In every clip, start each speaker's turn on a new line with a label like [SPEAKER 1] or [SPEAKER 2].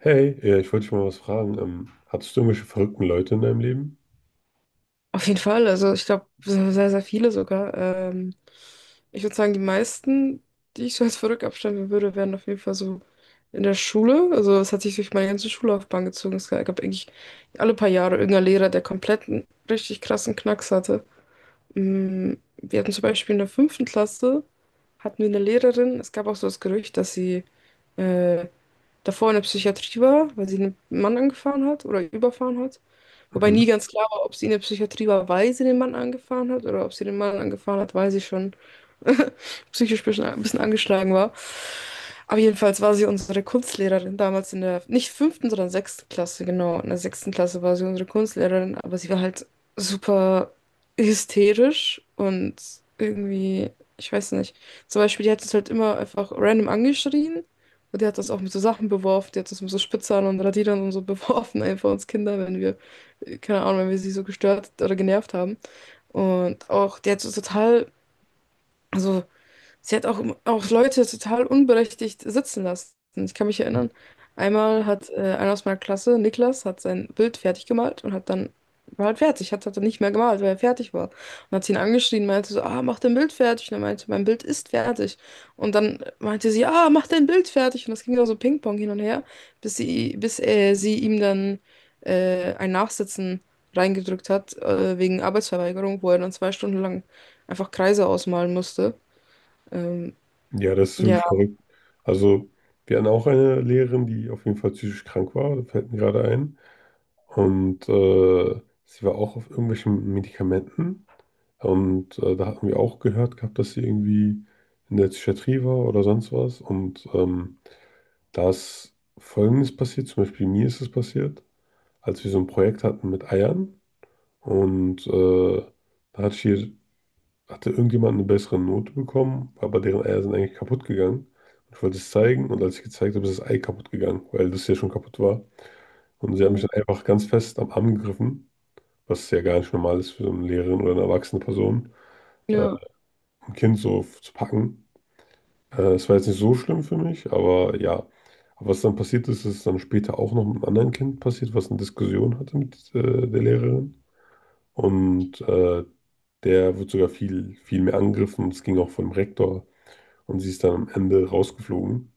[SPEAKER 1] Hey, ja, ich wollte dich mal was fragen. Hattest du irgendwelche verrückten Leute in deinem Leben?
[SPEAKER 2] Auf jeden Fall, also ich glaube, sehr, sehr viele sogar. Ich würde sagen, die meisten, die ich so als verrückt abstempeln würde, wären auf jeden Fall so in der Schule. Also es hat sich durch meine ganze Schullaufbahn gezogen. Es gab eigentlich alle paar Jahre irgendeinen Lehrer, der komplett einen richtig krassen Knacks hatte. Wir hatten zum Beispiel in der fünften Klasse, hatten wir eine Lehrerin. Es gab auch so das Gerücht, dass sie äh, davor in der Psychiatrie war, weil sie einen Mann angefahren hat oder überfahren hat. Wobei
[SPEAKER 1] Mhm.
[SPEAKER 2] nie ganz klar war, ob sie in der Psychiatrie war, weil sie den Mann angefahren hat oder ob sie den Mann angefahren hat, weil sie schon psychisch ein bisschen angeschlagen war. Aber jedenfalls war sie unsere Kunstlehrerin damals in der, nicht fünften, sondern sechsten Klasse, genau. In der sechsten Klasse war sie unsere Kunstlehrerin, aber sie war halt super hysterisch und irgendwie, ich weiß nicht. Zum Beispiel, die hat uns halt immer einfach random angeschrien. Und die hat uns auch mit so Sachen beworfen, die hat uns mit so Spitzern und Radierern und so beworfen, einfach uns Kinder, wenn wir keine Ahnung, wenn wir sie so gestört oder genervt haben. Und auch, die hat so total, also sie hat auch, auch Leute total unberechtigt sitzen lassen. Ich kann mich erinnern, einmal hat einer aus meiner Klasse, Niklas, hat sein Bild fertig gemalt und hat dann, war halt fertig, hat dann nicht mehr gemalt, weil er fertig war. Und hat sie ihn angeschrien, meinte so, ah, mach dein Bild fertig. Und er meinte, mein Bild ist fertig. Und dann meinte sie, ah, mach dein Bild fertig. Und das ging dann so Ping-Pong hin und her, bis sie ihm dann ein Nachsitzen reingedrückt hat, wegen Arbeitsverweigerung, wo er dann zwei Stunden lang einfach Kreise ausmalen musste. Ähm,
[SPEAKER 1] Ja, das ist
[SPEAKER 2] ja.
[SPEAKER 1] wirklich verrückt. Also, wir hatten auch eine Lehrerin, die auf jeden Fall psychisch krank war, das fällt mir gerade ein. Und sie war auch auf irgendwelchen Medikamenten. Und da hatten wir auch gehört gehabt, dass sie irgendwie in der Psychiatrie war oder sonst was. Und da ist Folgendes passiert, zum Beispiel mir ist es passiert, als wir so ein Projekt hatten mit Eiern. Und da hatte irgendjemand eine bessere Note bekommen, aber deren Eier sind eigentlich kaputt gegangen. Und ich wollte es zeigen und als ich gezeigt habe, ist das Ei kaputt gegangen, weil das ja schon kaputt war. Und sie haben mich
[SPEAKER 2] Mhm.
[SPEAKER 1] dann einfach ganz fest am Arm gegriffen, was ja gar nicht normal ist für so eine Lehrerin oder eine erwachsene Person, äh,
[SPEAKER 2] Ja.
[SPEAKER 1] ein Kind so zu packen. Es war jetzt nicht so schlimm für mich, aber ja. Aber was dann passiert ist, ist dann später auch noch mit einem anderen Kind passiert, was eine Diskussion hatte mit der Lehrerin. Und der wird sogar viel, viel mehr angegriffen. Es ging auch vom Rektor. Und sie ist dann am Ende rausgeflogen,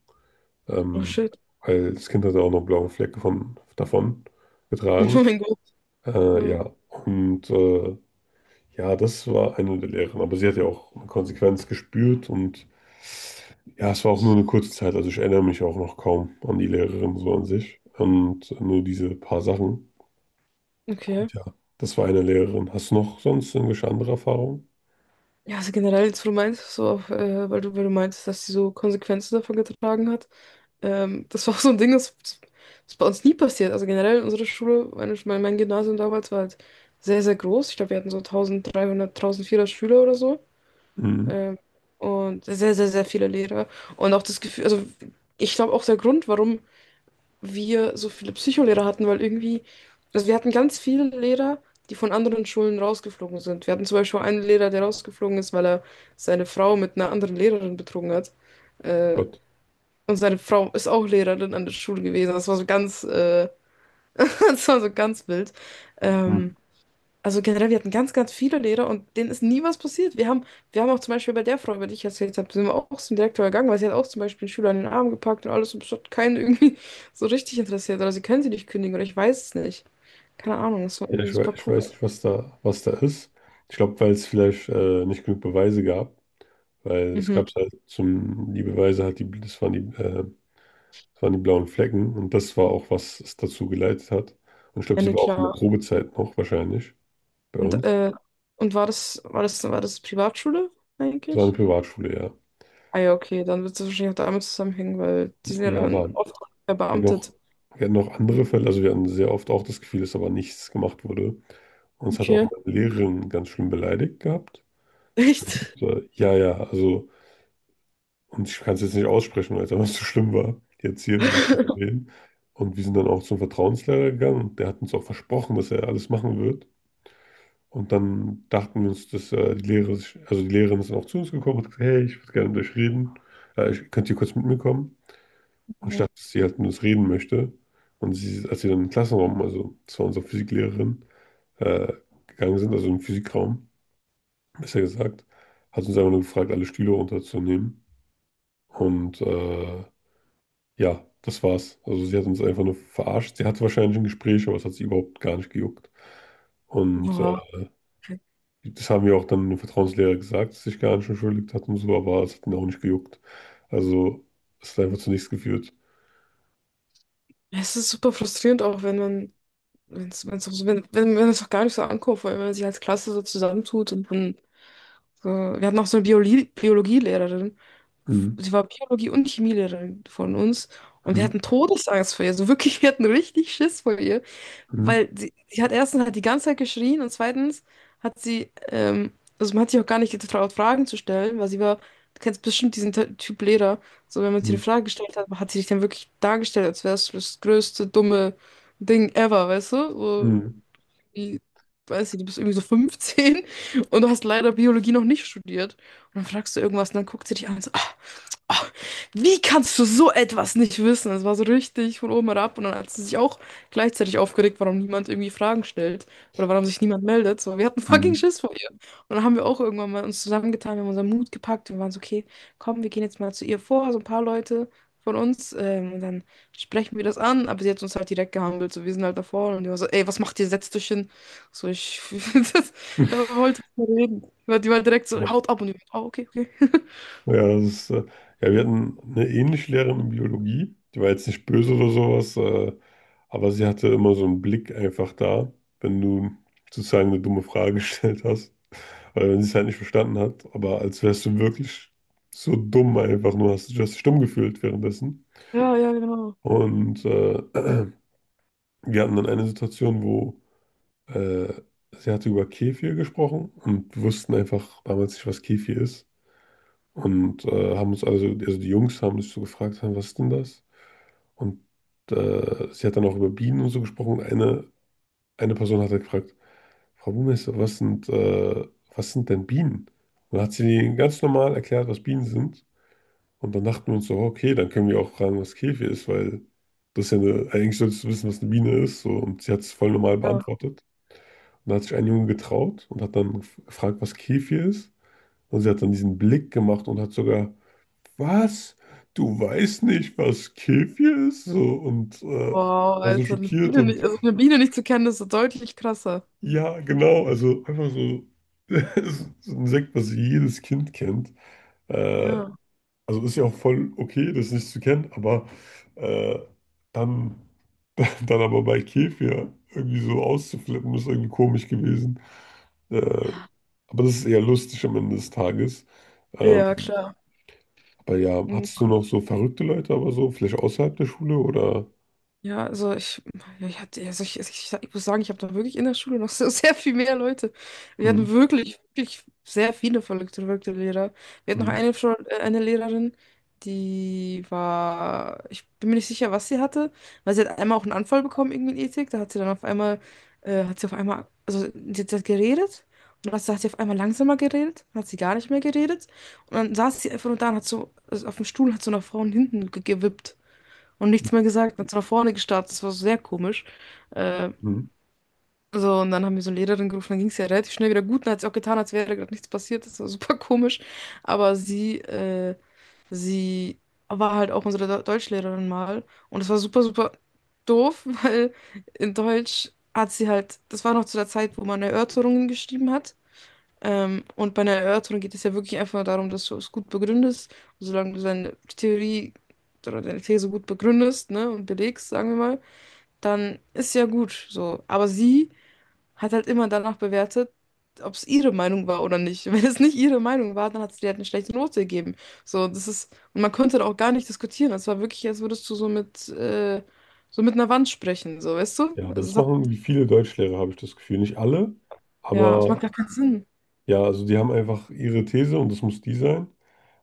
[SPEAKER 2] Oh
[SPEAKER 1] ähm,
[SPEAKER 2] shit.
[SPEAKER 1] weil das Kind hatte auch noch einen blauen Fleck von, davon getragen.
[SPEAKER 2] Oh mein Gott. Ja.
[SPEAKER 1] Ja, und ja, das war eine der Lehren. Aber sie hat ja auch eine Konsequenz gespürt und ja, es war auch nur eine kurze Zeit. Also ich erinnere mich auch noch kaum an die Lehrerin so an sich und nur diese paar Sachen.
[SPEAKER 2] Okay.
[SPEAKER 1] Und ja, das war eine Lehrerin. Hast du noch sonst irgendwelche andere Erfahrungen?
[SPEAKER 2] Ja, also generell jetzt, wo du meinst, so auch, weil du meinst, dass sie so Konsequenzen davon getragen hat. Das war auch so ein Ding, das ist bei uns nie passiert. Also generell unsere Schule, mein Gymnasium damals war halt sehr, sehr groß. Ich glaube, wir hatten so 1300, 1400 Schüler oder so.
[SPEAKER 1] Mhm.
[SPEAKER 2] Ähm, und sehr, sehr, sehr viele Lehrer. Und auch das Gefühl, also ich glaube auch der Grund, warum wir so viele Psycholehrer hatten, weil irgendwie, also wir hatten ganz viele Lehrer, die von anderen Schulen rausgeflogen sind. Wir hatten zum Beispiel einen Lehrer, der rausgeflogen ist, weil er seine Frau mit einer anderen Lehrerin betrogen hat. Äh,
[SPEAKER 1] Gott.
[SPEAKER 2] und seine Frau ist auch Lehrerin an der Schule gewesen. Das war so ganz, das war so ganz wild.
[SPEAKER 1] Mhm.
[SPEAKER 2] Ähm, also generell, wir hatten ganz, ganz viele Lehrer und denen ist nie was passiert. Wir haben auch zum Beispiel bei der Frau, über die ich erzählt habe, sind wir auch zum Direktor gegangen, weil sie hat auch zum Beispiel einen Schüler in den Arm gepackt und alles und es hat keinen irgendwie so richtig interessiert. Oder sie können sie nicht kündigen oder ich weiß es nicht. Keine Ahnung, das war
[SPEAKER 1] Ja,
[SPEAKER 2] irgendwie super
[SPEAKER 1] ich
[SPEAKER 2] cool.
[SPEAKER 1] weiß nicht, was da ist. Ich glaube, weil es vielleicht nicht genug Beweise gab, weil es
[SPEAKER 2] Mhm.
[SPEAKER 1] gab halt zum, die Beweise halt, die, das waren die, das waren die blauen Flecken und das war auch, was es dazu geleitet hat. Und ich glaube,
[SPEAKER 2] Ja,
[SPEAKER 1] sie
[SPEAKER 2] nee,
[SPEAKER 1] war auch in der
[SPEAKER 2] klar.
[SPEAKER 1] Probezeit noch wahrscheinlich bei
[SPEAKER 2] Und,
[SPEAKER 1] uns.
[SPEAKER 2] äh, und war das Privatschule
[SPEAKER 1] Das war eine
[SPEAKER 2] eigentlich?
[SPEAKER 1] Privatschule, ja.
[SPEAKER 2] Ah ja, okay, dann wird es wahrscheinlich auch damit zusammenhängen, weil die sind ja
[SPEAKER 1] Ja,
[SPEAKER 2] dann
[SPEAKER 1] aber
[SPEAKER 2] oft
[SPEAKER 1] wir hatten noch,
[SPEAKER 2] verbeamtet.
[SPEAKER 1] wir hatten noch andere Fälle, also wir hatten sehr oft auch das Gefühl, dass aber nichts gemacht wurde. Uns hat auch
[SPEAKER 2] Okay.
[SPEAKER 1] meine Lehrerin ganz schlimm beleidigt gehabt.
[SPEAKER 2] Echt?
[SPEAKER 1] So, ja, ja, also. Und ich kann es jetzt nicht aussprechen, weil es einfach so schlimm war. Die Erzieherin, die zu reden. Und wir sind dann auch zum Vertrauenslehrer gegangen und der hat uns auch versprochen, dass er alles machen wird. Und dann dachten wir uns, dass also die Lehrerin ist dann auch zu uns gekommen und hat gesagt, hey, ich würde gerne mit euch reden. Könnt ihr kurz mit mir kommen? Und ich dachte, dass sie halt mit uns reden möchte. Und sie, als wir dann im Klassenraum, also das war unsere Physiklehrerin, äh, gegangen sind, also im Physikraum, besser gesagt, hat uns einfach nur gefragt, alle Stühle runterzunehmen. Und ja, das war's. Also sie hat uns einfach nur verarscht. Sie hatte wahrscheinlich ein Gespräch, aber es hat sie überhaupt gar nicht gejuckt. Und
[SPEAKER 2] Boah.
[SPEAKER 1] das haben wir auch dann dem Vertrauenslehrer gesagt, dass sie sich gar nicht entschuldigt hat und so, aber es hat ihn auch nicht gejuckt. Also es hat einfach zu nichts geführt.
[SPEAKER 2] Ja, es ist super frustrierend auch, wenn man, wenn's, wenn's auch so, wenn es auch gar nicht so ankommt, weil wenn man sich als Klasse so zusammentut und dann so, wir hatten auch so eine Biologielehrerin,
[SPEAKER 1] Mhm.
[SPEAKER 2] sie war Biologie- und Chemielehrerin von uns und wir
[SPEAKER 1] Mhm.
[SPEAKER 2] hatten Todesangst vor ihr, so wirklich, wir hatten richtig Schiss vor ihr.
[SPEAKER 1] Mhm.
[SPEAKER 2] Weil sie hat erstens halt die ganze Zeit geschrien und zweitens hat sie, ähm, also man hat sich auch gar nicht getraut, Fragen zu stellen, weil sie war, du kennst bestimmt diesen Typ Lehrer, so wenn man sie eine
[SPEAKER 1] Mhm.
[SPEAKER 2] Frage gestellt hat, hat sie sich dann wirklich dargestellt, als wäre es das größte dumme Ding ever, weißt du? So,
[SPEAKER 1] Mhm.
[SPEAKER 2] irgendwie, weiß ich, du bist irgendwie so 15 und du hast leider Biologie noch nicht studiert. Und dann fragst du irgendwas und dann guckt sie dich an und so, ah, ah, wie kannst du so etwas nicht wissen? Das war so richtig von oben herab. Und dann hat sie sich auch gleichzeitig aufgeregt, warum niemand irgendwie Fragen stellt oder warum sich niemand meldet. So, wir hatten fucking Schiss vor ihr. Und dann haben wir auch irgendwann mal uns zusammengetan, wir haben unseren Mut gepackt und waren so, okay, komm, wir gehen jetzt mal zu ihr vor, so ein paar Leute von uns. Und dann sprechen wir das an, aber sie hat uns halt direkt gehandelt. So, wir sind halt davor und die war so, ey, was macht ihr? Setzt euch hin. So, ich das,
[SPEAKER 1] Mhm.
[SPEAKER 2] wollte nicht mehr reden. Weil die war direkt so, haut ab und ich, oh, okay, okay.
[SPEAKER 1] Ja, das ist, ja, wir hatten eine ähnliche Lehrerin in Biologie, die war jetzt nicht böse oder sowas, aber sie hatte immer so einen Blick einfach da, wenn du sozusagen eine dumme Frage gestellt hast, oder wenn sie es halt nicht verstanden hat, aber als wärst du wirklich so dumm einfach, nur hast dich dumm gefühlt währenddessen.
[SPEAKER 2] Ja, ja, genau.
[SPEAKER 1] Und wir hatten dann eine Situation, wo äh, sie hatte über Kefir gesprochen und wir wussten einfach damals nicht, was Kefir ist. Und also die Jungs haben sich so gefragt, "Hä, was ist denn das? Und sie hat dann auch über Bienen und so gesprochen. Und eine Person hat dann gefragt, Frau Buchmeister, was sind denn Bienen? Und dann hat sie ihnen ganz normal erklärt, was Bienen sind. Und dann dachten wir uns so, "Oh, okay, dann können wir auch fragen, was Käfig ist, weil das ist ja eine, eigentlich solltest du wissen, was eine Biene ist. So. Und sie hat es voll normal
[SPEAKER 2] Ja.
[SPEAKER 1] beantwortet. Und dann hat sich ein Junge getraut und hat dann gefragt, was Käfig ist. Und sie hat dann diesen Blick gemacht und hat sogar was? Du weißt nicht, was Kefir ist? So, und
[SPEAKER 2] Wow,
[SPEAKER 1] war so
[SPEAKER 2] Alter, eine
[SPEAKER 1] schockiert
[SPEAKER 2] Biene nicht,
[SPEAKER 1] und
[SPEAKER 2] also eine Biene nicht zu kennen, ist so deutlich krasser.
[SPEAKER 1] ja, genau, also einfach so, es ist ein Sekt, was jedes Kind kennt. Äh,
[SPEAKER 2] Ja.
[SPEAKER 1] also ist ja auch voll okay, das nicht zu kennen, aber äh, dann, dann aber bei Kefir irgendwie so auszuflippen, ist irgendwie komisch gewesen. Äh,
[SPEAKER 2] Ja.
[SPEAKER 1] aber das ist eher lustig am Ende des Tages. Ähm,
[SPEAKER 2] Ja, klar.
[SPEAKER 1] aber ja,
[SPEAKER 2] Mhm.
[SPEAKER 1] hattest du noch so verrückte Leute, aber so, vielleicht außerhalb der Schule oder?
[SPEAKER 2] Ja, also ich, ich muss sagen, ich habe da wirklich in der Schule noch so sehr viel mehr Leute. Wir hatten
[SPEAKER 1] Hm?
[SPEAKER 2] wirklich, wirklich sehr viele verrückte, verrückte Lehrer. Wir hatten noch
[SPEAKER 1] Mhm.
[SPEAKER 2] eine Lehrerin, die war, ich bin mir nicht sicher, was sie hatte, weil sie hat einmal auch einen Anfall bekommen, irgendwie in Ethik. Da hat sie dann auf einmal, hat sie auf einmal, also sie hat geredet und dann hat sie auf einmal langsamer geredet, dann hat sie gar nicht mehr geredet und dann saß sie einfach nur da und hat so, also auf dem Stuhl hat so nach vorne und hinten gewippt und nichts mehr gesagt. Dann ist nach vorne gestartet. Das war so sehr komisch. Äh,
[SPEAKER 1] Mhm.
[SPEAKER 2] so, und dann haben wir so eine Lehrerin gerufen. Dann ging es ja relativ schnell wieder gut. Und hat sie auch getan, als wäre gerade nichts passiert. Das war super komisch. Aber sie war halt auch unsere Deutschlehrerin mal. Und das war super, super doof, weil in Deutsch hat sie halt, das war noch zu der Zeit, wo man Erörterungen geschrieben hat. Und bei einer Erörterung geht es ja wirklich einfach darum, dass du es gut begründest. Und solange du deine Theorie oder deine These gut begründest, ne, und belegst, sagen wir mal, dann ist ja gut so. Aber sie hat halt immer danach bewertet, ob es ihre Meinung war oder nicht. Und wenn es nicht ihre Meinung war, dann hat sie dir halt eine schlechte Note gegeben. So, das ist, und man konnte da auch gar nicht diskutieren. Es war wirklich, als würdest du so mit einer Wand sprechen, so, weißt du?
[SPEAKER 1] Ja, aber das machen irgendwie viele Deutschlehrer, habe ich das Gefühl. Nicht alle,
[SPEAKER 2] Ja, es
[SPEAKER 1] aber
[SPEAKER 2] macht gar keinen Sinn.
[SPEAKER 1] ja, also die haben einfach ihre These und das muss die sein.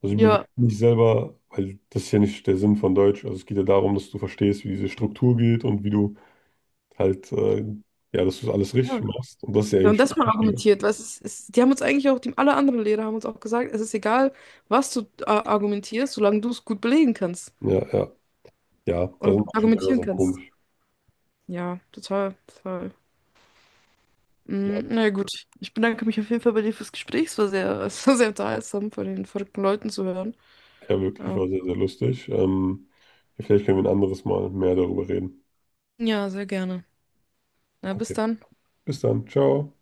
[SPEAKER 1] Also die
[SPEAKER 2] Ja.
[SPEAKER 1] bewerten nicht selber, weil das ist ja nicht der Sinn von Deutsch. Also es geht ja darum, dass du verstehst, wie diese Struktur geht und wie du halt ja, dass du das alles richtig
[SPEAKER 2] Ja.
[SPEAKER 1] machst. Und das ist ja
[SPEAKER 2] Ja, und
[SPEAKER 1] eigentlich
[SPEAKER 2] das
[SPEAKER 1] viel
[SPEAKER 2] mal
[SPEAKER 1] wichtiger.
[SPEAKER 2] argumentiert, weil die haben uns eigentlich auch, die, alle anderen Lehrer haben uns auch gesagt, es ist egal, was du argumentierst, solange du es gut belegen kannst
[SPEAKER 1] Ja, ja, ja, da
[SPEAKER 2] oder
[SPEAKER 1] sind manche Lehrer
[SPEAKER 2] argumentieren
[SPEAKER 1] sehr
[SPEAKER 2] kannst.
[SPEAKER 1] komisch.
[SPEAKER 2] Ja, total, total.
[SPEAKER 1] Ja,
[SPEAKER 2] Na ja, gut, ich bedanke mich auf jeden Fall bei dir fürs Gespräch. Es war sehr, es war sehr unterhaltsam, von den verrückten Leuten zu hören.
[SPEAKER 1] ja, wirklich, war
[SPEAKER 2] Ähm,
[SPEAKER 1] sehr, sehr lustig. Ja, vielleicht können wir ein anderes Mal mehr darüber reden.
[SPEAKER 2] ja, sehr gerne. Na, bis
[SPEAKER 1] Okay,
[SPEAKER 2] dann.
[SPEAKER 1] bis dann, ciao.